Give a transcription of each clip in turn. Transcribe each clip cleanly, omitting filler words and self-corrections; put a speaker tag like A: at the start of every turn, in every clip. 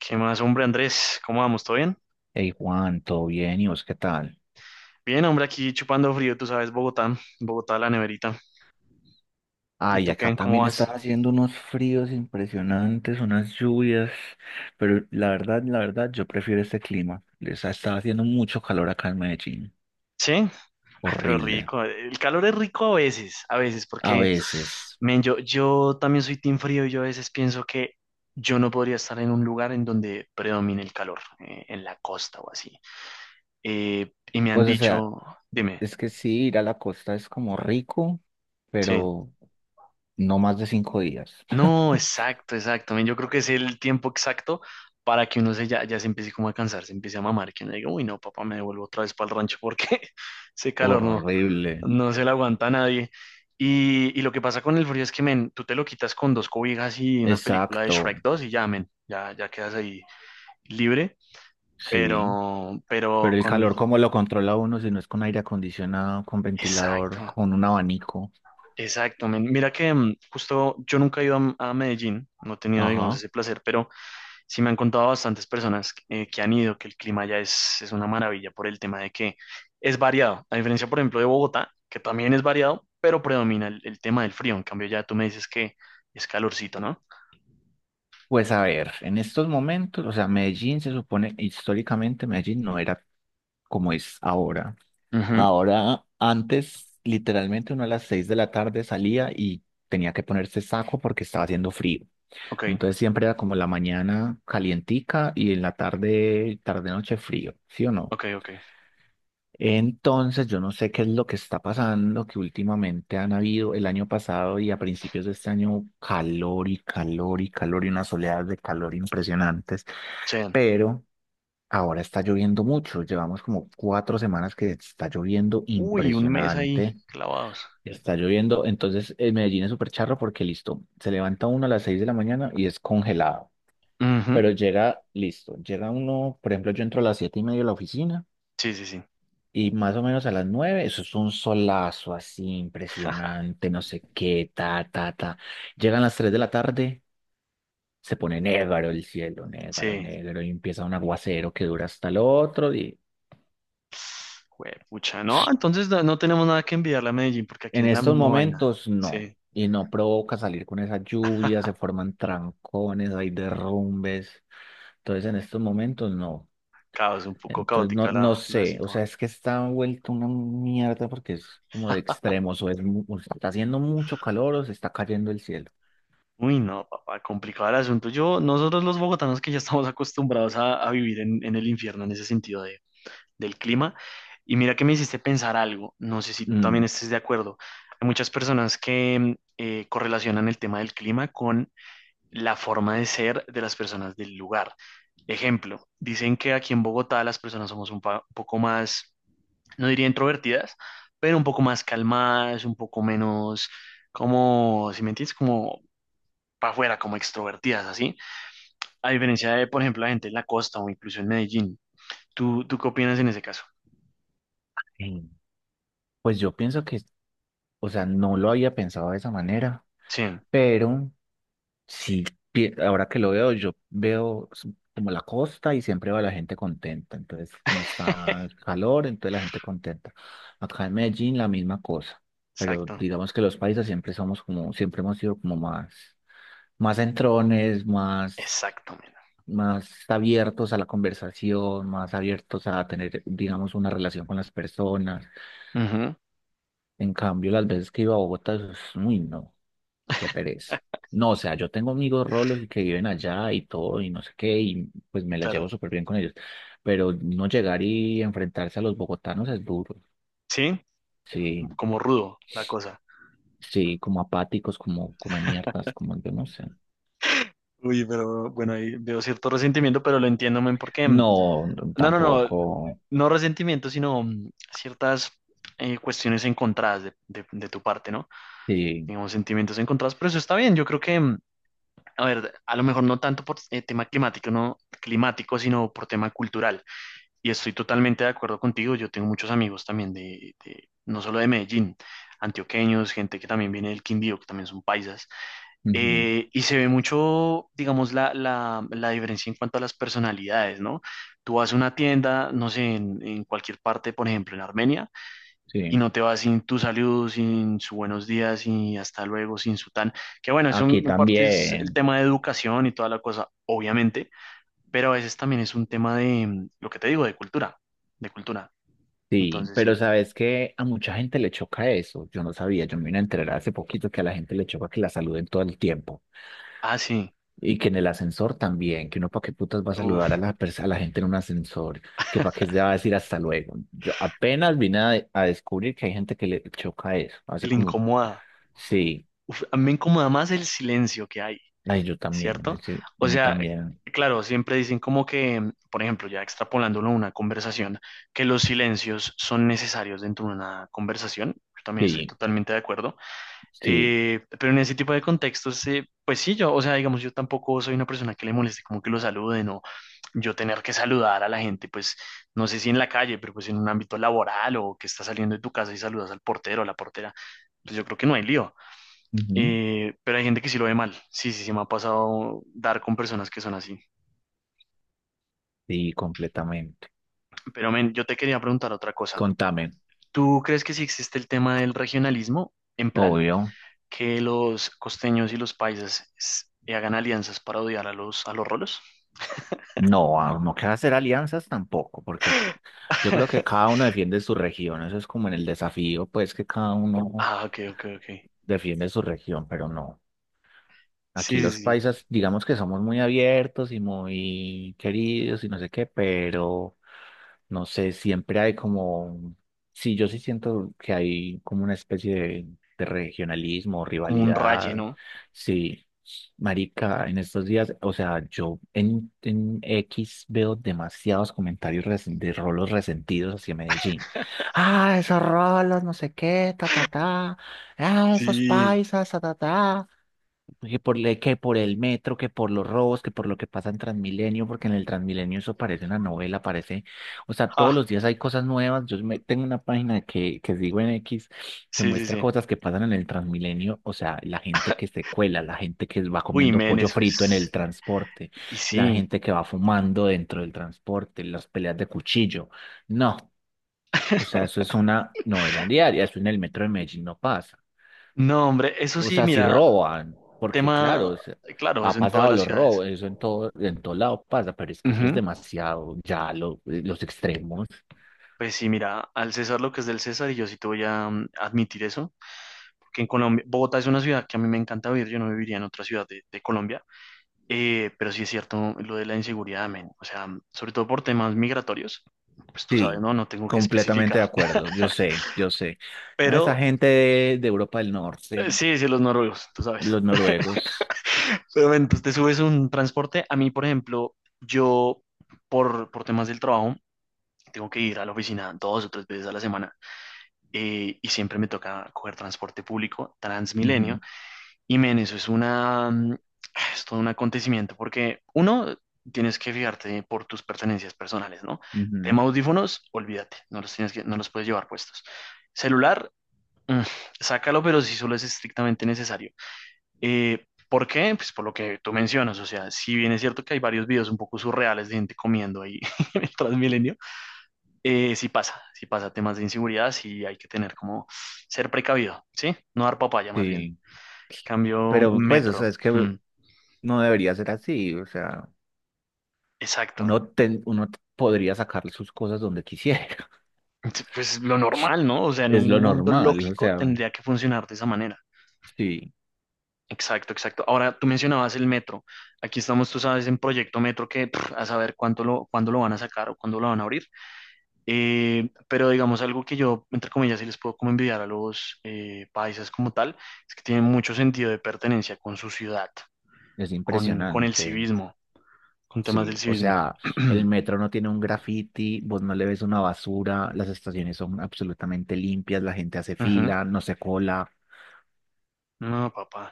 A: ¿Qué más, hombre, Andrés? ¿Cómo vamos? ¿Todo bien?
B: Hey Juan, ¿todo bien? ¿Y vos qué tal?
A: Bien, hombre, aquí chupando frío, tú sabes, Bogotá, Bogotá, la neverita. ¿Y
B: Ay,
A: tú
B: acá
A: qué? ¿Cómo
B: también
A: vas?
B: estaba haciendo unos fríos impresionantes, unas lluvias, pero la verdad, yo prefiero este clima. Les ha estado haciendo mucho calor acá en Medellín.
A: Sí. Ay, pero
B: Horrible.
A: rico. El calor es rico a veces,
B: A
A: porque,
B: veces.
A: men, yo también soy team frío y yo a veces pienso que yo no podría estar en un lugar en donde predomine el calor, en la costa o así. Y me han
B: Pues, o sea,
A: dicho, dime,
B: es que sí, ir a la costa es como rico,
A: sí.
B: pero no más de 5 días.
A: No, exacto, exacto. Men, yo creo que es el tiempo exacto para que uno se ya, ya se empiece como a cansar, se empiece a mamar, que uno diga, uy, no, papá, me devuelvo otra vez para el rancho porque ese calor no,
B: Horrible.
A: no se lo aguanta a nadie. Y lo que pasa con el frío es que, men, tú te lo quitas con dos cobijas y una película de Shrek
B: Exacto.
A: dos y ya, men, ya, ya quedas ahí libre,
B: Sí.
A: pero
B: Pero el
A: con el...
B: calor, ¿cómo lo controla uno si no es con aire acondicionado, con
A: Exacto,
B: ventilador, con un abanico?
A: exacto, men. Mira que justo yo nunca he ido a Medellín, no he tenido, digamos,
B: Ajá.
A: ese placer, pero... Sí, me han contado bastantes personas que han ido que el clima ya es una maravilla por el tema de que es variado, a diferencia, por ejemplo, de Bogotá, que también es variado, pero predomina el tema del frío. En cambio, ya tú me dices que es calorcito, ¿no?
B: Pues a ver, en estos momentos, o sea, Medellín se supone, históricamente Medellín no era como es ahora.
A: Ujú.
B: Ahora, antes, literalmente uno a las 6 de la tarde salía y tenía que ponerse saco porque estaba haciendo frío.
A: Ok,
B: Entonces siempre era como la mañana calientica y en la tarde, tarde noche frío, ¿sí o no?
A: ok, ok.
B: Entonces, yo no sé qué es lo que está pasando, que últimamente han habido el año pasado y a principios de este año calor y calor y calor y unas oleadas de calor impresionantes,
A: Che.
B: pero ahora está lloviendo mucho. Llevamos como 4 semanas que está lloviendo
A: Uy, un mes ahí
B: impresionante.
A: clavados.
B: Está lloviendo, entonces en Medellín es súper charro porque listo, se levanta uno a las 6 de la mañana y es congelado,
A: Ujú,
B: pero llega, listo, llega uno, por ejemplo, yo entro a las 7:30 a la oficina.
A: sí, sí, sí.
B: Y más o menos a las 9, eso es un solazo así impresionante, no sé qué, ta, ta, ta. Llegan las 3 de la tarde, se pone negro el cielo, negro,
A: Sí.
B: negro, y empieza un aguacero que dura hasta el otro día.
A: ¡Pucha! No, entonces no, no tenemos nada que enviarle a Medellín porque aquí
B: En
A: es la
B: estos
A: misma vaina.
B: momentos no,
A: Sí.
B: y no provoca salir con esa lluvia, se forman trancones, hay derrumbes. Entonces en estos momentos no.
A: Caos, un poco
B: Entonces, no,
A: caótica
B: no
A: la, la
B: sé, o sea,
A: situación.
B: es que está vuelto una mierda porque es como de extremos, o está haciendo mucho calor o se está cayendo el cielo.
A: Uy, no, papá, complicado el asunto. Yo, nosotros los bogotanos que ya estamos acostumbrados a vivir en el infierno en ese sentido de- del clima. Y mira que me hiciste pensar algo, no sé si tú también
B: Mm,
A: estés de acuerdo. Hay muchas personas que correlacionan el tema del clima con la forma de ser de las personas del lugar. Ejemplo, dicen que aquí en Bogotá las personas somos un, pa- un poco más, no diría introvertidas, pero un poco más calmadas, un poco menos, como, si me entiendes, como para afuera, como extrovertidas, así, a diferencia de, por ejemplo, la gente en la costa o incluso en Medellín. ¿Tú qué opinas en ese caso?
B: sí. Pues yo pienso que, o sea, no lo había pensado de esa manera,
A: Sí.
B: pero sí, ahora que lo veo, como la costa y siempre va la gente contenta. Entonces, como está el calor, entonces la gente contenta. Acá en Medellín la misma cosa, pero
A: Exacto,
B: digamos que los países siempre somos como, siempre hemos sido como más. Más entrones, más,
A: exacto, mira.
B: más abiertos a la conversación, más abiertos a tener, digamos, una relación con las personas.
A: Ujú.
B: En cambio, las veces que iba a Bogotá, eso es, uy, no, qué pereza. No, o sea, yo tengo amigos rolos y que viven allá y todo y no sé qué, y pues me la
A: Claro.
B: llevo súper bien con ellos. Pero no llegar y enfrentarse a los bogotanos es duro.
A: Sí,
B: Sí,
A: como rudo la cosa.
B: sí, como apáticos, como come mierdas, como yo no sé.
A: Uy, pero bueno, ahí veo cierto resentimiento, pero lo entiendo, men, porque...
B: No, no,
A: no, no, no,
B: tampoco.
A: no resentimiento, sino ciertas cuestiones encontradas de tu parte, ¿no?
B: Sí,
A: Digamos, sentimientos encontrados, pero eso está bien. Yo creo que a ver, a lo mejor no tanto por tema climático, no climático, sino por tema cultural. Y estoy totalmente de acuerdo contigo. Yo tengo muchos amigos también de- no solo de Medellín, antioqueños, gente que también viene del Quindío, que también son paisas.
B: ujú,
A: Y se ve mucho, digamos, la diferencia en cuanto a las personalidades, ¿no? Tú vas a una tienda, no sé, en cualquier parte, por ejemplo, en Armenia, y
B: sí.
A: no te vas sin tu saludo, sin su buenos días y hasta luego, sin su tan. Que bueno, eso
B: Aquí
A: en parte es el
B: también,
A: tema de educación y toda la cosa, obviamente, pero a veces también es un tema de lo que te digo, de cultura, de cultura.
B: sí,
A: Entonces
B: pero
A: sí.
B: sabes que a mucha gente le choca eso. Yo no sabía, yo me vine a enterar hace poquito que a la gente le choca que la saluden todo el tiempo
A: Ah, sí.
B: y que en el ascensor también, que uno para qué putas va a saludar
A: Uf,
B: a la gente en un ascensor, que para qué se va a decir hasta luego. Yo apenas vine a descubrir que hay gente que le choca eso. Hace
A: el
B: como,
A: incomoda.
B: sí,
A: Uf, a mí me incomoda más el silencio que hay,
B: ay, yo también, es
A: ¿cierto?
B: decir,
A: O
B: a mí
A: sea,
B: también,
A: claro, siempre dicen como que, por ejemplo, ya extrapolándolo a una conversación, que los silencios son necesarios dentro de una conversación. Yo también estoy
B: sí,
A: totalmente de acuerdo.
B: sí,
A: Pero en ese tipo de contextos, pues sí, yo, o sea, digamos, yo tampoco soy una persona que le moleste como que lo saluden o yo tener que saludar a la gente, pues no sé si en la calle, pero pues en un ámbito laboral o que estás saliendo de tu casa y saludas al portero o la portera, pues yo creo que no hay lío.
B: ujú,
A: Pero hay gente que sí lo ve mal. Sí, sí, sí, me ha pasado dar con personas que son así.
B: sí, completamente.
A: Pero men, yo te quería preguntar otra cosa.
B: Contame,
A: ¿Tú crees que sí existe el tema del regionalismo? En plan,
B: obvio.
A: que los costeños y los paisas s- hagan alianzas para odiar a los rolos.
B: No, no queda hacer alianzas tampoco, porque aquí, yo creo que cada uno defiende su región, eso es como en el desafío, pues que cada uno
A: Ah, ok, ok, ok.
B: defiende su región, pero no. Aquí
A: Sí, sí,
B: los
A: sí.
B: paisas, digamos que somos muy abiertos y muy queridos y no sé qué, pero no sé, siempre hay como, sí, yo sí siento que hay como una especie de regionalismo,
A: Como un raye,
B: rivalidad,
A: ¿no?
B: sí, marica, en estos días, o sea, yo en X veo demasiados comentarios de rolos resentidos hacia Medellín. Ah, esos rolos, no sé qué, ta, ta, ta, ah, esos
A: Sí.
B: paisas, ta, ta, ta. Que por el metro, que por los robos, que por lo que pasa en Transmilenio, porque en el Transmilenio eso parece una novela, parece, o sea, todos
A: Ah,
B: los días hay cosas nuevas. Tengo una página que sigo en X que
A: sí, sí,
B: muestra
A: sí.
B: cosas que pasan en el Transmilenio, o sea, la gente que se cuela, la gente que va
A: Uy,
B: comiendo
A: men,
B: pollo
A: eso
B: frito en el
A: es.
B: transporte,
A: Y
B: la
A: sí.
B: gente que va fumando dentro del transporte, las peleas de cuchillo. No, o sea, eso es una novela diaria, eso en el metro de Medellín no pasa.
A: No, hombre, eso
B: O
A: sí,
B: sea, si
A: mira,
B: roban, porque claro,
A: tema,
B: o sea,
A: claro, eso
B: ha
A: en todas
B: pasado
A: las
B: los
A: ciudades.
B: robos, eso en todo, lado pasa, pero es que eso es
A: Ujú.
B: demasiado, ya los extremos.
A: Pues sí, mira, al César lo que es del César, y yo sí te voy a admitir eso, porque en Colombia, Bogotá es una ciudad que a mí me encanta vivir, yo no viviría en otra ciudad de Colombia. Pero sí es cierto lo de la inseguridad, men. O sea, sobre todo por temas migratorios, pues tú sabes,
B: Sí,
A: ¿no? No tengo que
B: completamente
A: especificar.
B: de acuerdo, yo sé, yo sé. Ah, esa
A: Pero
B: gente de Europa del Norte,
A: sí, sí, los noruegos, tú sabes.
B: los noruegos.
A: Pero men, pues te subes un transporte. A mí, por ejemplo, yo por temas del trabajo tengo que ir a la oficina dos o tres veces a la semana, y siempre me toca coger transporte público,
B: Ujú,
A: Transmilenio, y men, eso es una, es todo un acontecimiento porque uno, tienes que fijarte por tus pertenencias personales, ¿no?
B: ujú,
A: Tema audífonos, olvídate, no los tienes que, no los puedes llevar puestos. Celular, mm, sácalo, pero si solo es estrictamente necesario. ¿por qué? Pues por lo que tú mencionas, o sea, si bien es cierto que hay varios videos un poco surreales de gente comiendo ahí en el Transmilenio, sí pasa temas de inseguridad, sí hay que tener como ser precavido, ¿sí? No dar papaya más bien.
B: sí,
A: Cambio
B: pero pues, o sea,
A: metro.
B: es que
A: Mm.
B: no debería ser así, o sea,
A: Exacto.
B: uno podría sacarle sus cosas donde quisiera,
A: Pues lo normal, ¿no? O sea, en
B: es
A: un
B: lo
A: mundo
B: normal, o
A: lógico
B: sea,
A: tendría que funcionar de esa manera.
B: sí,
A: Exacto, exacto. Ahora, tú mencionabas el metro. Aquí estamos, tú sabes, en Proyecto Metro que pff, a saber cuánto lo, cuándo lo van a sacar o cuándo lo van a abrir. Pero digamos algo que yo, entre comillas, sí les puedo como envidiar a los paisas como tal, es que tienen mucho sentido de pertenencia con su ciudad,
B: es
A: con el
B: impresionante.
A: civismo, con temas del
B: Sí, o
A: civismo.
B: sea, el metro no tiene un graffiti, vos no le ves una basura, las estaciones son absolutamente limpias, la gente hace
A: Ujú.
B: fila, no se cola.
A: No, papá.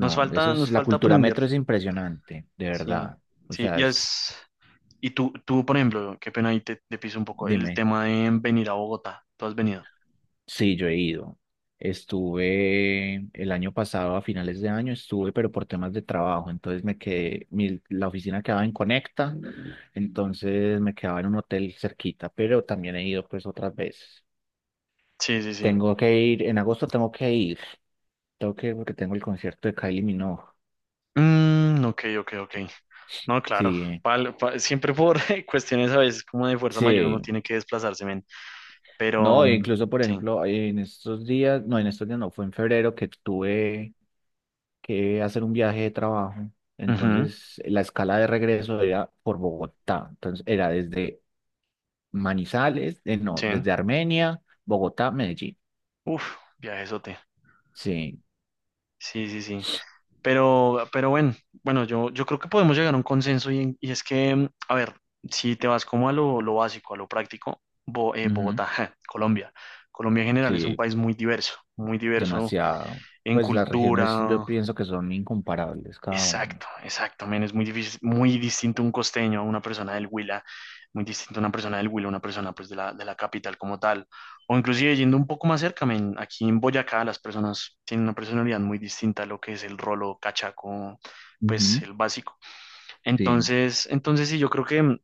B: eso es,
A: Nos
B: la
A: falta
B: cultura
A: aprender.
B: metro es impresionante, de
A: Sí,
B: verdad. O
A: sí.
B: sea,
A: Ya
B: es,
A: es. Y tú, por ejemplo, qué pena ahí te, te piso un poco el
B: dime,
A: tema de venir a Bogotá. ¿Tú has venido?
B: sí, yo he ido. Estuve el año pasado, a finales de año, estuve, pero por temas de trabajo, entonces me quedé, la oficina quedaba en Conecta, entonces me quedaba en un hotel cerquita, pero también he ido pues otras veces.
A: Sí, sí, sí.
B: Tengo que ir, en agosto tengo que ir. Tengo que ir porque tengo el concierto de Kylie Minogue.
A: Mm, ok, ok, ok. No, claro.
B: Sí,
A: Pal- pa- siempre por cuestiones a veces como de fuerza mayor uno
B: sí.
A: tiene que desplazarse, men. Pero,
B: No, e incluso, por
A: sí.
B: ejemplo, en estos días, no, en estos días no, fue en febrero que tuve que hacer un viaje de trabajo.
A: Ujú,
B: Entonces, la escala de regreso era por Bogotá. Entonces, era desde Manizales, no,
A: sí.
B: desde Armenia, Bogotá, Medellín.
A: Uf, viajezote.
B: Sí,
A: Sí, sí, sí. Pero bueno, bueno, yo creo que podemos llegar a un consenso y, en- y es que, a ver, si te vas como a lo básico, a lo práctico, Bo-
B: ujú,
A: Bogotá, Colombia. Colombia en general es un
B: sí,
A: país muy diverso
B: demasiado.
A: en
B: Pues las regiones yo
A: cultura.
B: pienso que son incomparables cada
A: Exacto, exacto, men, es muy difícil, muy distinto un costeño a una persona del Huila, muy distinto a una persona del Huila, a una persona pues de la capital como tal, o inclusive yendo un poco más cerca, men, aquí en Boyacá las personas tienen una personalidad muy distinta a lo que es el rolo cachaco, pues
B: uno.
A: el básico.
B: Sí,
A: Entonces, entonces sí, yo creo que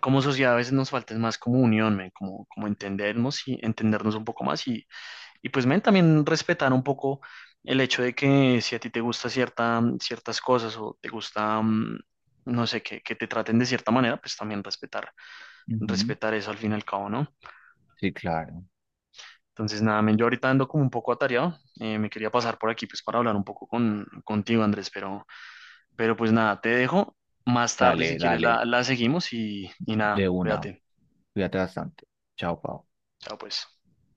A: como sociedad a veces nos falta es más como unión, men, como, como entendernos y entendernos un poco más y pues, men, también respetar un poco el hecho de que si a ti te gusta cierta, ciertas cosas o te gusta, no sé, que te traten de cierta manera, pues también respetar,
B: ujú,
A: respetar eso al fin y al cabo, ¿no?
B: sí, claro.
A: Entonces, nada, men, yo ahorita ando como un poco atareado, me quería pasar por aquí pues para hablar un poco con, contigo, Andrés, pero pues nada, te dejo. Más tarde, si
B: Dale,
A: quieres,
B: dale,
A: la seguimos y nada,
B: de una.
A: cuídate.
B: Cuídate bastante. Chao, Pau.
A: Chao, pues.